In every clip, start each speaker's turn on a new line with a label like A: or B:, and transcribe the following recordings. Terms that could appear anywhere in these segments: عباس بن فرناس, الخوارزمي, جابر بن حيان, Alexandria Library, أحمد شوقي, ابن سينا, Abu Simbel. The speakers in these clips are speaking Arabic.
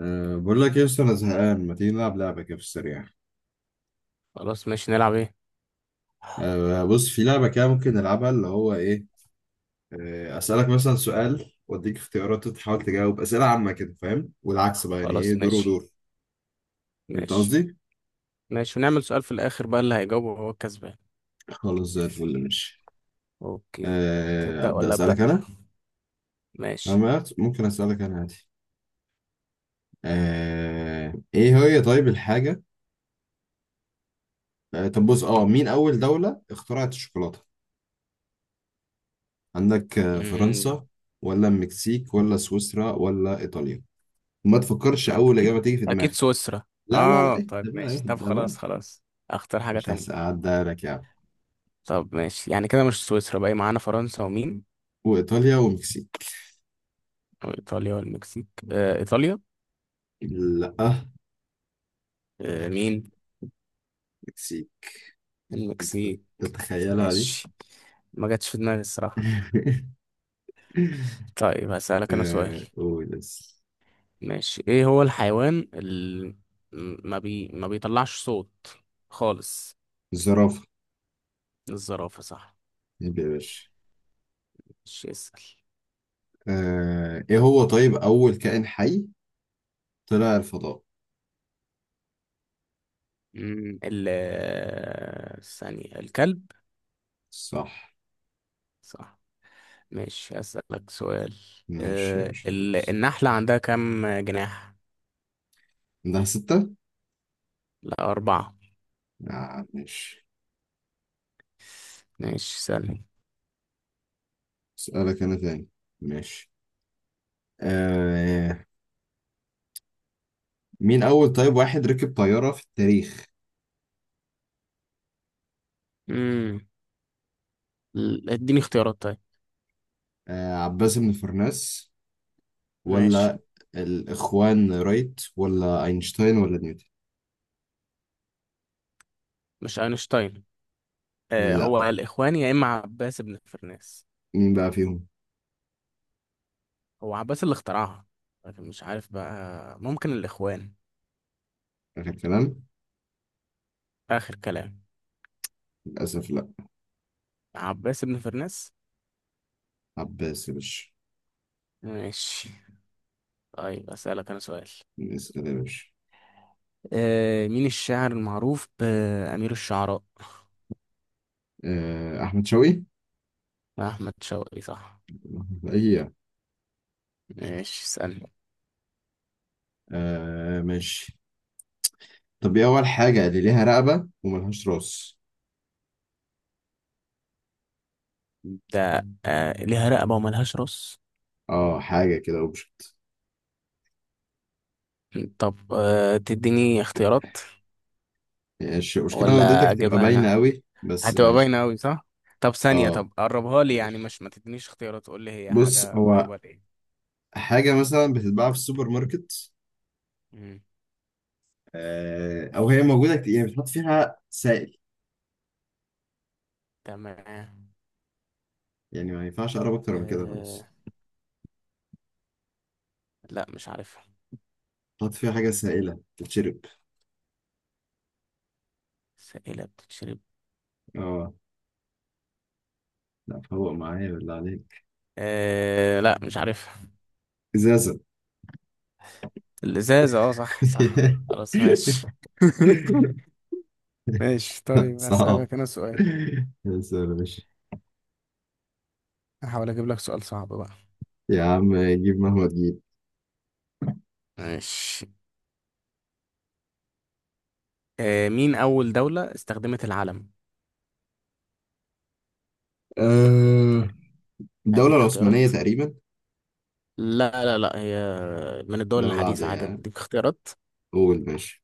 A: بقول لك إيه يا اسطى، انا زهقان. ما تيجي نلعب لعبه كده في السريع؟
B: خلاص، ماشي. نلعب ايه؟
A: بص، في لعبه كده ممكن نلعبها، اللي هو ايه، اسالك مثلا سؤال واديك اختيارات، تحاول تجاوب اسئله عامه كده، فاهم؟ والعكس بقى، يعني ايه،
B: خلاص،
A: دور
B: ماشي.
A: ودور. فهمت
B: ماشي.
A: قصدي؟
B: ماشي. ونعمل سؤال في الاخر بقى اللي هيجاوبه هو الكسبان.
A: خلاص، زي الفل، ماشي.
B: اوكي. تبدأ
A: ابدا
B: ولا أبدأ؟
A: اسالك انا.
B: ماشي.
A: أما ممكن اسالك انا عادي. ايه هي طيب الحاجه. طب بص، مين اول دوله اخترعت الشوكولاته؟ عندك
B: امم
A: فرنسا، ولا المكسيك، ولا سويسرا، ولا ايطاليا. وما تفكرش
B: لا،
A: اول
B: اكيد.
A: اجابه تيجي في
B: اكيد
A: دماغك.
B: سويسرا.
A: لا لا لا،
B: اه،
A: اهدى
B: طيب،
A: بقى
B: ماشي. طب
A: اهدى بقى.
B: خلاص خلاص. اختار حاجة
A: مش
B: تانية.
A: هساعدها لك يا عم.
B: طب، ماشي. يعني كده مش سويسرا. باقي معانا فرنسا ومين؟
A: وايطاليا ومكسيك.
B: وايطاليا والمكسيك. آه، ايطاليا.
A: لا.
B: مين؟
A: مكسيك. أنت
B: المكسيك.
A: تتخيلها دي.
B: ماشي. ما جاتش في دماغي الصراحة. طيب، هسألك انا سؤال.
A: آه، قول بس.
B: ماشي، ايه هو الحيوان اللي ما بيطلعش صوت خالص؟
A: الزرافه.
B: الزرافة، صح.
A: يبقى يا باشا.
B: مش اسأل.
A: ايه هو طيب اول كائن حي طلع الفضاء؟
B: مم، ال ثانية، الكلب.
A: صح.
B: صح. ماشي، أسألك سؤال.
A: ماشي يا باشا، دوس.
B: النحلة عندها كم جناح؟
A: عندها ستة؟
B: لا، أربعة.
A: آه، ماشي.
B: ماشي، سألني.
A: اسألك انا تاني. ماشي. آه. مين اول طيب واحد ركب طيارة في التاريخ؟
B: مم، اديني اختيارات طيب.
A: عباس بن فرناس،
B: ماشي.
A: ولا الإخوان رايت، ولا أينشتاين، ولا نيوتن.
B: مش أينشتاين. هو
A: لا.
B: الإخوان يا إما عباس بن فرناس.
A: مين بقى فيهم؟
B: هو عباس اللي اخترعها، لكن مش عارف بقى، ممكن الإخوان.
A: آخر كلام.
B: آخر كلام.
A: للأسف لا.
B: عباس بن فرناس.
A: عباس يا باشا.
B: ماشي. طيب، أسألك أنا سؤال.
A: اسأل يا باشا.
B: مين الشاعر المعروف بأمير الشعراء؟
A: أحمد شوقي.
B: أحمد شوقي، صح.
A: أيوة.
B: ماشي، اسألني.
A: آه، ماشي. طب إيه أول حاجة اللي ليها رقبة وملهاش راس؟
B: ده، ليها رقبة وملهاش راس؟
A: اه حاجة كده اوبجكت.
B: طب، تديني اختيارات؟
A: ماشي، المشكلة لو اديتك
B: ولا
A: هتبقى
B: أجيبها
A: باينة
B: أنا؟
A: قوي، بس
B: هتبقى
A: ماشي.
B: باينة أوي، صح. طب، ثانية.
A: اه
B: طب، قربها لي يعني،
A: ماشي،
B: مش ما تدينيش اختيارات، قول لي هي
A: بص
B: حاجة
A: هو
B: قريبة لإيه.
A: حاجة مثلا بتتباع في السوبر ماركت،
B: مم،
A: او هي موجوده كتير، يعني بتحط فيها سائل.
B: تمام.
A: يعني ما ينفعش اقرب اكتر من كده،
B: آه،
A: خلاص.
B: لا، مش عارفها.
A: بتحط فيها حاجه سائله تتشرب.
B: سائلة بتتشرب؟
A: اه. لا، فوق معايا بالله عليك.
B: لا، مش عارفها.
A: ازازه.
B: الإزازة، اه، صح، صح. خلاص، ماشي. ماشي. طيب،
A: صعب
B: أسألك أنا سؤال.
A: بس يا باشا.
B: هحاول أجيب لك سؤال صعب بقى.
A: يا عم جيب مهما تجيب.
B: ماشي. مين أول دولة استخدمت العلم؟
A: آه، الدوله
B: أديك
A: العثمانيه
B: اختيارات.
A: تقريبا.
B: لا، لا، لا، هي من الدول
A: دوله عاديه
B: الحديثة عادي،
A: يعني،
B: أديك اختيارات.
A: قول ماشي.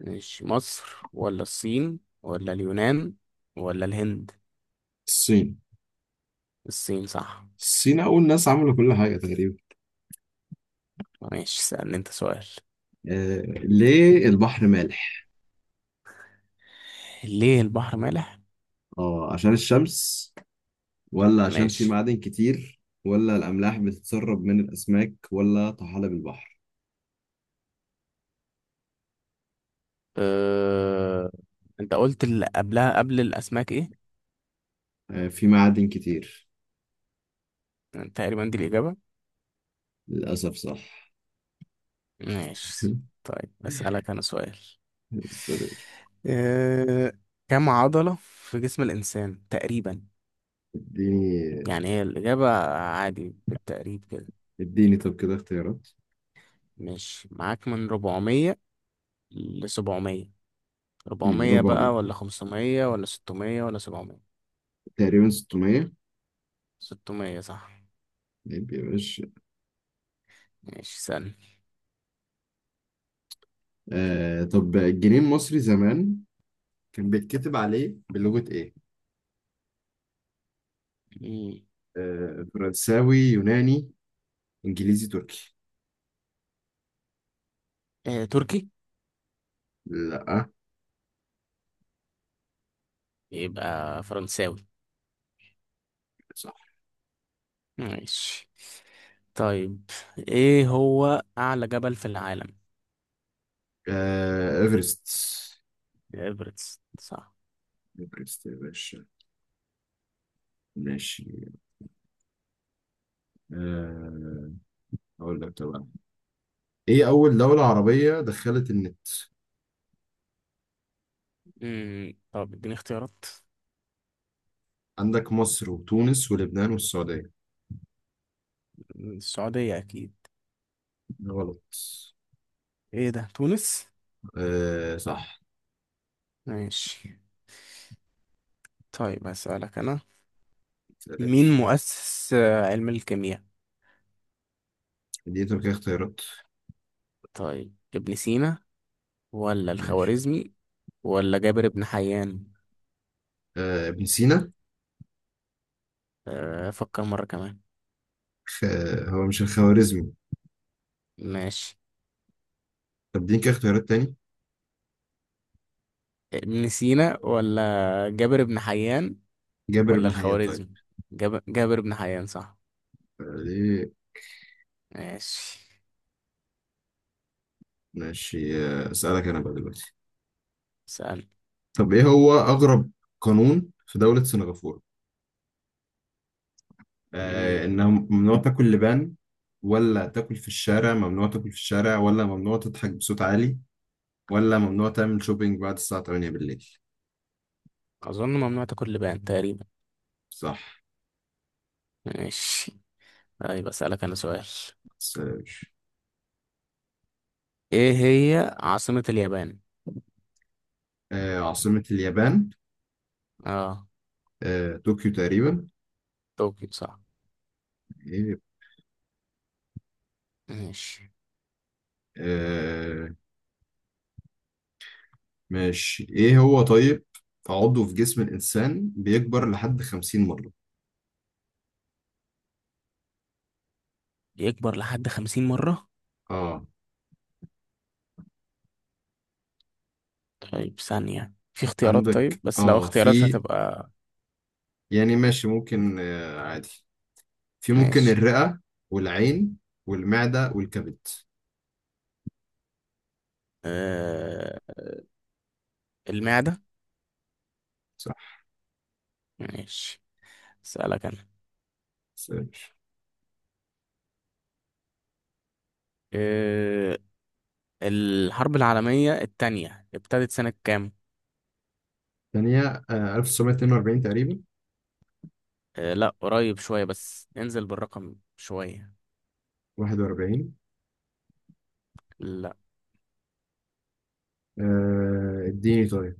B: ماشي، مصر ولا الصين ولا اليونان ولا الهند؟
A: الصين.
B: الصين، صح.
A: الصين اول ناس عملوا كل حاجه تقريبا.
B: ماشي، سألني أنت سؤال.
A: ليه البحر مالح؟
B: ليه البحر مالح؟
A: اه عشان الشمس، ولا عشان في
B: ماشي.
A: معادن كتير، ولا الأملاح بتتسرب من الأسماك، ولا طحالب البحر.
B: أه... انت قلت اللي قبلها قبل الاسماك ايه؟
A: في معادن كتير.
B: تقريبا دي الاجابه.
A: للأسف صح.
B: ماشي. طيب، اسالك انا سؤال.
A: سوري.
B: أه... كم عضله في جسم الانسان تقريبا؟
A: اديني
B: يعني هي الاجابه، عادي بالتقريب كده.
A: اديني طب كده اختيارات.
B: ماشي، معاك من 400 ل 700. 400
A: ربع.
B: بقى ولا 500 ولا 600 ولا 700؟
A: تقريبا 600.
B: 600، صح.
A: طيب يا باشا.
B: ماشي، سألني.
A: طب الجنيه المصري زمان كان بيتكتب عليه بلغة ايه؟
B: مم.
A: فرنساوي، يوناني، انجليزي، تركي.
B: تركي.
A: لا.
B: يبقى فرنساوي.
A: صح.
B: ماشي. طيب، ايه هو اعلى جبل في العالم؟
A: ايفرست.
B: ايفرست، صح.
A: ايفرست يا باشا. ماشي. آه، اقول لك طبعا. ايه اول دولة عربية دخلت النت؟
B: طب، اديني اختيارات.
A: عندك مصر، وتونس، ولبنان، والسعودية.
B: السعودية اكيد.
A: غلط.
B: ايه ده، تونس؟
A: آه صح.
B: ماشي. طيب، هسألك انا. مين
A: متقلقش.
B: مؤسس علم الكيمياء؟
A: دي طب كده اختيارات.
B: طيب، ابن سينا ولا
A: ماشي.
B: الخوارزمي ولا جابر بن حيان؟
A: ابن سينا.
B: افكر مرة كمان.
A: خ... هو مش الخوارزمي.
B: ماشي.
A: طب دي كده اختيارات تاني.
B: ابن سينا ولا جابر بن حيان
A: جابر
B: ولا
A: بن حيان، طيب.
B: الخوارزمي؟ جابر بن حيان، صح.
A: آه، ليه.
B: ماشي.
A: ماشي. اسألك انا بقى دلوقتي.
B: سأل.
A: طب ايه هو اغرب قانون في دولة سنغافورة؟
B: مم.
A: انها ممنوع تاكل لبان، ولا تاكل في الشارع ممنوع تاكل في الشارع، ولا ممنوع تضحك بصوت عالي، ولا ممنوع تعمل شوبينج بعد الساعة 8 بالليل.
B: أظن ممنوع تاكل لبان تقريبا.
A: صح.
B: ماشي. طيب، أسألك أنا سؤال.
A: سيرش.
B: إيه هي عاصمة اليابان؟
A: عاصمة اليابان.
B: آه
A: طوكيو تقريبا.
B: طوكيو، صح.
A: إيه.
B: ماشي.
A: آه، ماشي. ايه هو طيب عضو في جسم الإنسان بيكبر لحد 50 مرة؟
B: يكبر لحد 50 مرة؟
A: اه.
B: طيب، ثانية. في اختيارات؟ طيب،
A: عندك
B: بس لو اختيارات
A: في،
B: هتبقى.
A: يعني ماشي ممكن، عادي، في ممكن
B: ماشي.
A: الرئة، والعين، والمعدة، والكبد.
B: آه... المعدة.
A: صح.
B: ماشي، أسألك أنا.
A: سيرش.
B: آه... الحرب العالمية التانية ابتدت سنة كام؟
A: ثانية. 1942 تقريبا.
B: لا، قريب شوية، بس انزل بالرقم شوية.
A: 41.
B: لا.
A: اديني طيب.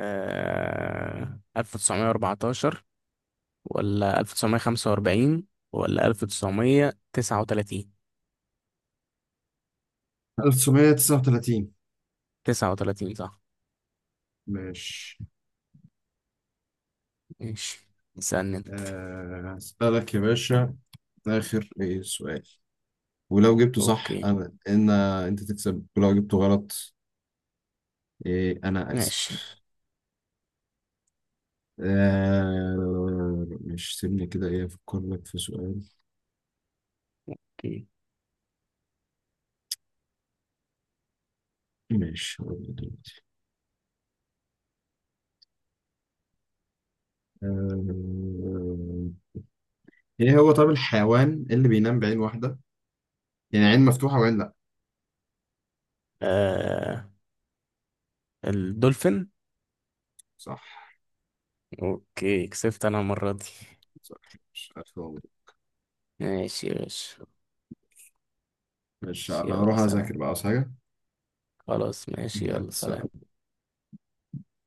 B: 1914 ولا 1945 ولا 1939؟
A: 1939.
B: 39، صح.
A: ماشي.
B: ماشي، اسألني انت.
A: هسألك يا باشا. آخر إيه سؤال؟ ولو جبته صح
B: اوكي.
A: أنا إن أنت تكسب، ولو جبته غلط إيه أنا أكسب.
B: ماشي.
A: مش سيبني كده، إيه، أفكر لك في سؤال.
B: اوكي.
A: ماشي، هقول لك دلوقتي. آه. إيه هو طب الحيوان اللي بينام بعين واحدة؟ يعني عين مفتوحة وعين لأ.
B: آه الدولفين.
A: صح.
B: اوكي، كسبت انا المرة دي.
A: صح. مش ألف مبروك.
B: ماشي يا باشا.
A: ماشي،
B: ماشي،
A: أنا
B: يلا
A: هروح
B: سلام.
A: أذاكر بقى، عاوز حاجة.
B: خلاص، ماشي،
A: يلا
B: يلا سلام.
A: سلام.